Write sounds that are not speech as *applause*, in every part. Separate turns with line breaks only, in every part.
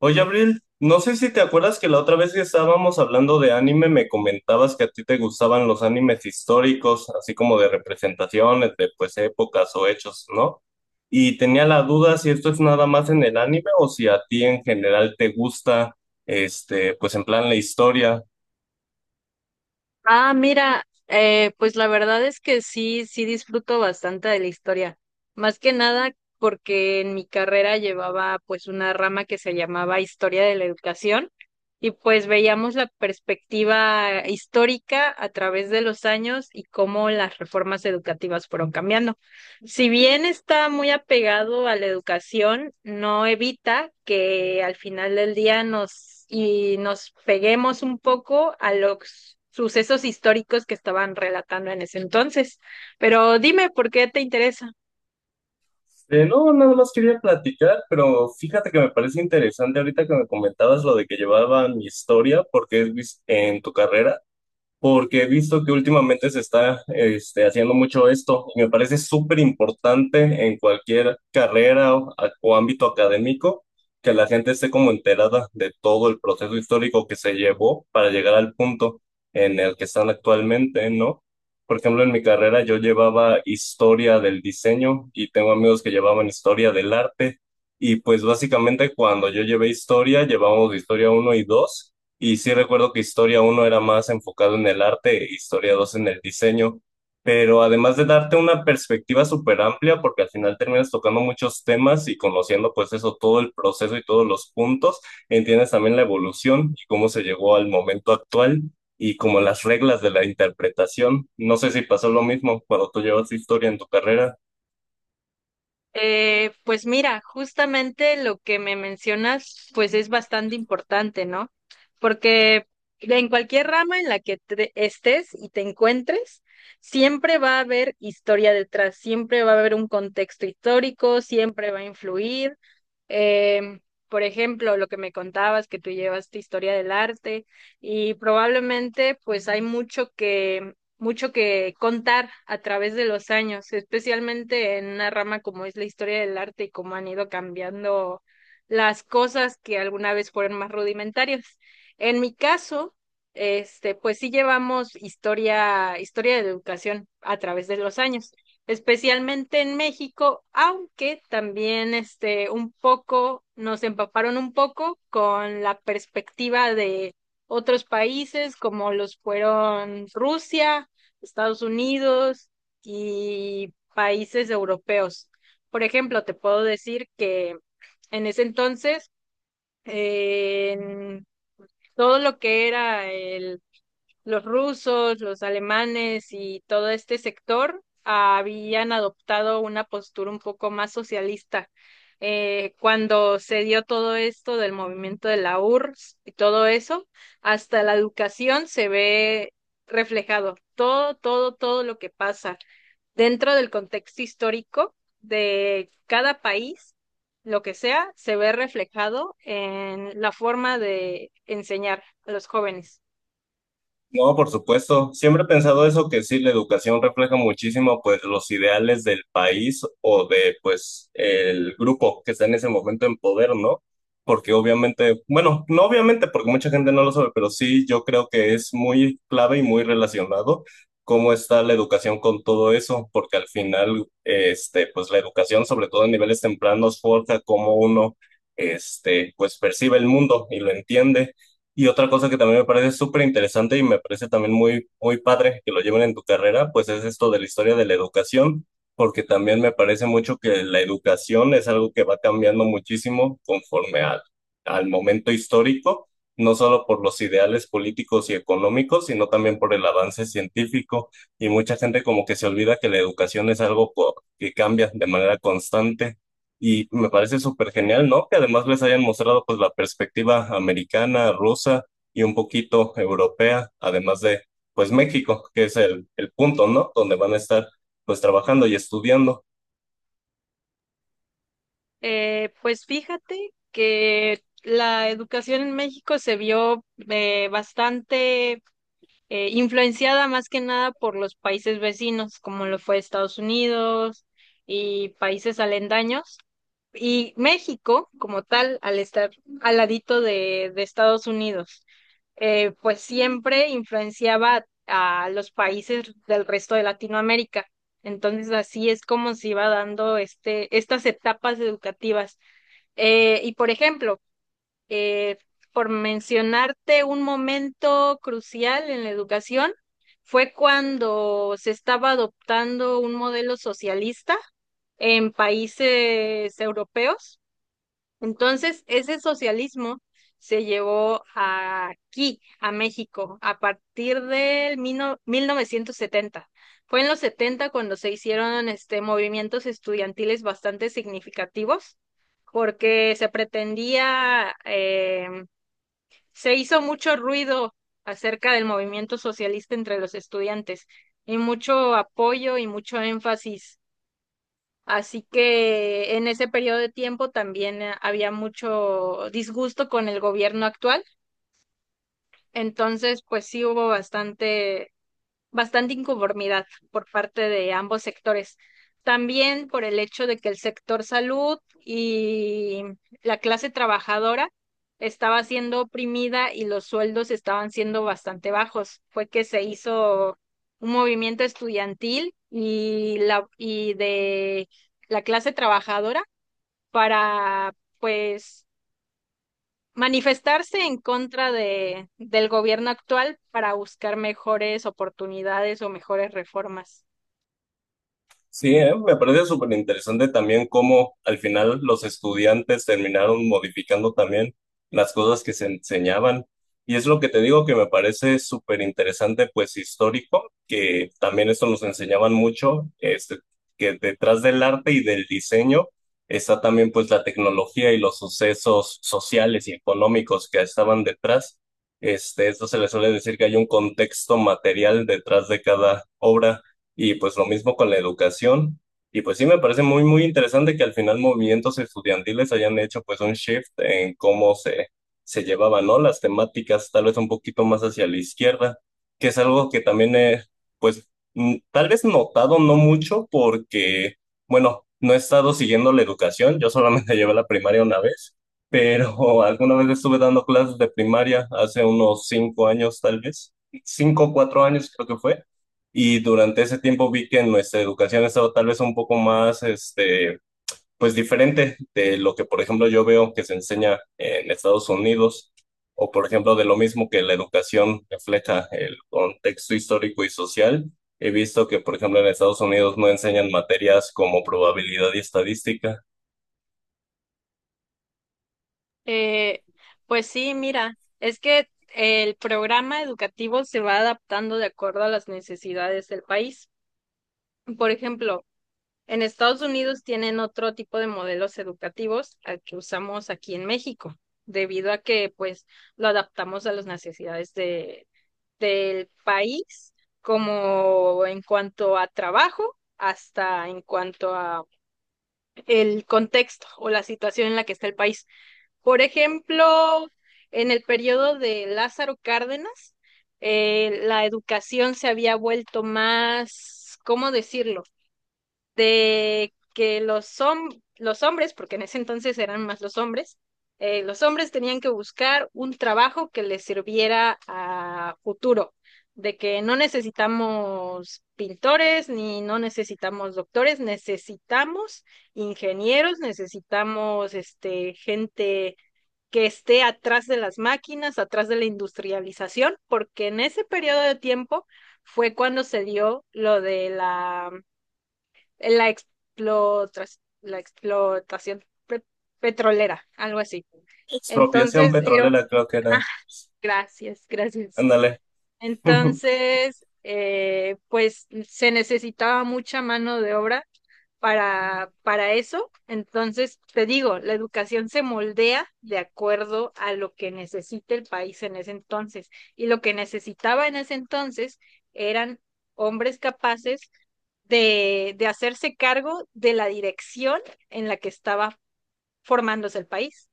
Oye, Abril, no sé si te acuerdas que la otra vez que estábamos hablando de anime me comentabas que a ti te gustaban los animes históricos, así como de representaciones de pues épocas o hechos, ¿no? Y tenía la duda si esto es nada más en el anime o si a ti en general te gusta, pues en plan la historia.
Ah, mira, pues la verdad es que sí, sí disfruto bastante de la historia. Más que nada porque en mi carrera llevaba pues una rama que se llamaba Historia de la Educación y pues veíamos la perspectiva histórica a través de los años y cómo las reformas educativas fueron cambiando. Si bien está muy apegado a la educación, no evita que al final del día nos y nos peguemos un poco a los sucesos históricos que estaban relatando en ese entonces. Pero dime, ¿por qué te interesa?
No, nada más quería platicar, pero fíjate que me parece interesante ahorita que me comentabas lo de que llevaban historia, porque en tu carrera. Porque he visto que últimamente se está haciendo mucho esto y me parece súper importante en cualquier carrera o ámbito académico que la gente esté como enterada de todo el proceso histórico que se llevó para llegar al punto en el que están actualmente, ¿no? Por ejemplo, en mi carrera yo llevaba historia del diseño y tengo amigos que llevaban historia del arte. Y pues básicamente cuando yo llevé historia, llevábamos historia uno y 2 y sí recuerdo que historia uno era más enfocado en el arte, historia 2 en el diseño, pero además de darte una perspectiva súper amplia, porque al final terminas tocando muchos temas y conociendo pues eso, todo el proceso y todos los puntos, entiendes también la evolución y cómo se llegó al momento actual y como las reglas de la interpretación. No sé si pasó lo mismo cuando tú llevas historia en tu carrera.
Pues mira, justamente lo que me mencionas, pues es bastante importante, ¿no? Porque en cualquier rama en la que estés y te encuentres, siempre va a haber historia detrás, siempre va a haber un contexto histórico, siempre va a influir. Em, por ejemplo, lo que me contabas, que tú llevas tu historia del arte y probablemente pues hay mucho que contar a través de los años, especialmente en una rama como es la historia del arte y cómo han ido cambiando las cosas que alguna vez fueron más rudimentarias. En mi caso, este, pues sí llevamos historia de educación a través de los años, especialmente en México, aunque también este, un poco nos empaparon un poco con la perspectiva de otros países como los fueron Rusia, Estados Unidos y países europeos. Por ejemplo, te puedo decir que en ese entonces, en todo lo que era el los rusos, los alemanes y todo este sector habían adoptado una postura un poco más socialista. Cuando se dio todo esto del movimiento de la URSS y todo eso, hasta la educación se ve reflejado. Todo, todo, todo lo que pasa dentro del contexto histórico de cada país, lo que sea, se ve reflejado en la forma de enseñar a los jóvenes.
No, por supuesto. Siempre he pensado eso, que sí, la educación refleja muchísimo, pues, los ideales del país o de, pues, el grupo que está en ese momento en poder, ¿no? Porque obviamente, bueno, no obviamente, porque mucha gente no lo sabe, pero sí, yo creo que es muy clave y muy relacionado cómo está la educación con todo eso, porque al final, este, pues, la educación, sobre todo en niveles tempranos, forja cómo uno, pues, percibe el mundo y lo entiende. Y otra cosa que también me parece súper interesante y me parece también muy, muy padre que lo lleven en tu carrera, pues es esto de la historia de la educación, porque también me parece mucho que la educación es algo que va cambiando muchísimo conforme al, al momento histórico, no solo por los ideales políticos y económicos, sino también por el avance científico. Y mucha gente como que se olvida que la educación es algo que cambia de manera constante. Y me parece súper genial, ¿no? Que además les hayan mostrado pues la perspectiva americana, rusa y un poquito europea, además de pues México, que es el punto, ¿no? Donde van a estar pues trabajando y estudiando.
Pues fíjate que la educación en México se vio bastante influenciada más que nada por los países vecinos, como lo fue Estados Unidos y países alendaños. Y México, como tal, al estar al ladito de Estados Unidos, pues siempre influenciaba a los países del resto de Latinoamérica. Entonces, así es como se iba dando este, estas etapas educativas. Por ejemplo, eh, por mencionarte un momento crucial en la educación, fue cuando se estaba adoptando un modelo socialista en países europeos. Entonces, ese socialismo se llevó aquí, a México, a partir del mil mil no 1970. Fue en los 70 cuando se hicieron este, movimientos estudiantiles bastante significativos porque se pretendía se hizo mucho ruido acerca del movimiento socialista entre los estudiantes y mucho apoyo y mucho énfasis. Así que en ese periodo de tiempo también había mucho disgusto con el gobierno actual. Entonces, pues sí hubo bastante inconformidad por parte de ambos sectores. También por el hecho de que el sector salud y la clase trabajadora estaba siendo oprimida y los sueldos estaban siendo bastante bajos. Fue que se hizo un movimiento estudiantil y la y de la clase trabajadora para pues manifestarse en contra del gobierno actual para buscar mejores oportunidades o mejores reformas.
Sí, me parece súper interesante también cómo al final los estudiantes terminaron modificando también las cosas que se enseñaban. Y es lo que te digo que me parece súper interesante, pues histórico, que también esto nos enseñaban mucho, que detrás del arte y del diseño está también pues la tecnología y los sucesos sociales y económicos que estaban detrás. Esto se le suele decir que hay un contexto material detrás de cada obra. Y pues lo mismo con la educación. Y pues sí me parece muy, muy interesante que al final movimientos estudiantiles hayan hecho pues un shift en cómo se llevaban, ¿no? Las temáticas tal vez un poquito más hacia la izquierda, que es algo que también he pues tal vez notado no mucho porque, bueno, no he estado siguiendo la educación, yo solamente *laughs* llevé la primaria una vez, pero *laughs* alguna vez estuve dando clases de primaria hace unos 5 años tal vez, 5 o 4 años creo que fue. Y durante ese tiempo vi que nuestra educación ha estado tal vez un poco más, pues diferente de lo que, por ejemplo, yo veo que se enseña en Estados Unidos, o por ejemplo, de lo mismo que la educación refleja el contexto histórico y social. He visto que, por ejemplo, en Estados Unidos no enseñan materias como probabilidad y estadística.
Eh, pues sí, mira, es que el programa educativo se va adaptando de acuerdo a las necesidades del país. Por ejemplo, en Estados Unidos tienen otro tipo de modelos educativos al que usamos aquí en México, debido a que pues lo adaptamos a las necesidades del país, como en cuanto a trabajo, hasta en cuanto a el contexto o la situación en la que está el país. Por ejemplo, en el periodo de Lázaro Cárdenas, la educación se había vuelto más, ¿cómo decirlo? De que los hombres, porque en ese entonces eran más los hombres tenían que buscar un trabajo que les sirviera a futuro, de que no necesitamos pintores ni no necesitamos doctores, necesitamos ingenieros, necesitamos este, gente que esté atrás de las máquinas, atrás de la industrialización, porque en ese periodo de tiempo fue cuando se dio lo de la la explotación petrolera, algo así.
Expropiación
Entonces,
petrolera, creo que era.
ah, gracias, gracias.
Ándale. *laughs*
Entonces, pues se necesitaba mucha mano de obra para eso. Entonces, te digo, la educación se moldea de acuerdo a lo que necesita el país en ese entonces. Y lo que necesitaba en ese entonces eran hombres capaces de hacerse cargo de la dirección en la que estaba formándose el país.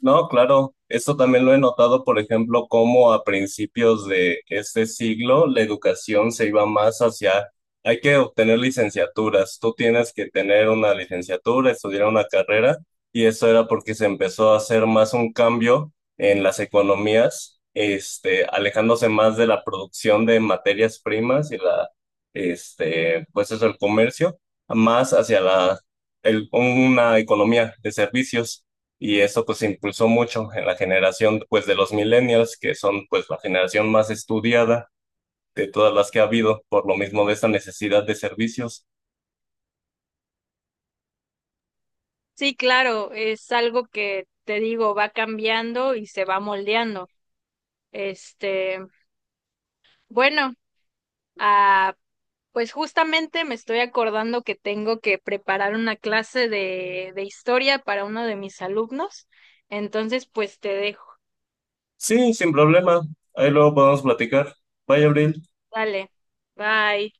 No, claro, eso también lo he notado, por ejemplo, cómo a principios de este siglo la educación se iba más hacia, hay que obtener licenciaturas, tú tienes que tener una licenciatura, estudiar una carrera, y eso era porque se empezó a hacer más un cambio en las economías, alejándose más de la producción de materias primas y la, pues eso, el comercio, más hacia la, el- una economía de servicios y eso pues impulsó mucho en la generación pues de los millennials, que son pues la generación más estudiada de todas las que ha habido, por lo mismo de esta necesidad de servicios.
Sí, claro, es algo que te digo, va cambiando y se va moldeando. Este, bueno, ah, pues justamente me estoy acordando que tengo que preparar una clase de historia para uno de mis alumnos. Entonces, pues te dejo.
Sí, sin problema, ahí luego podemos platicar. Bye, Abril.
Dale. Bye.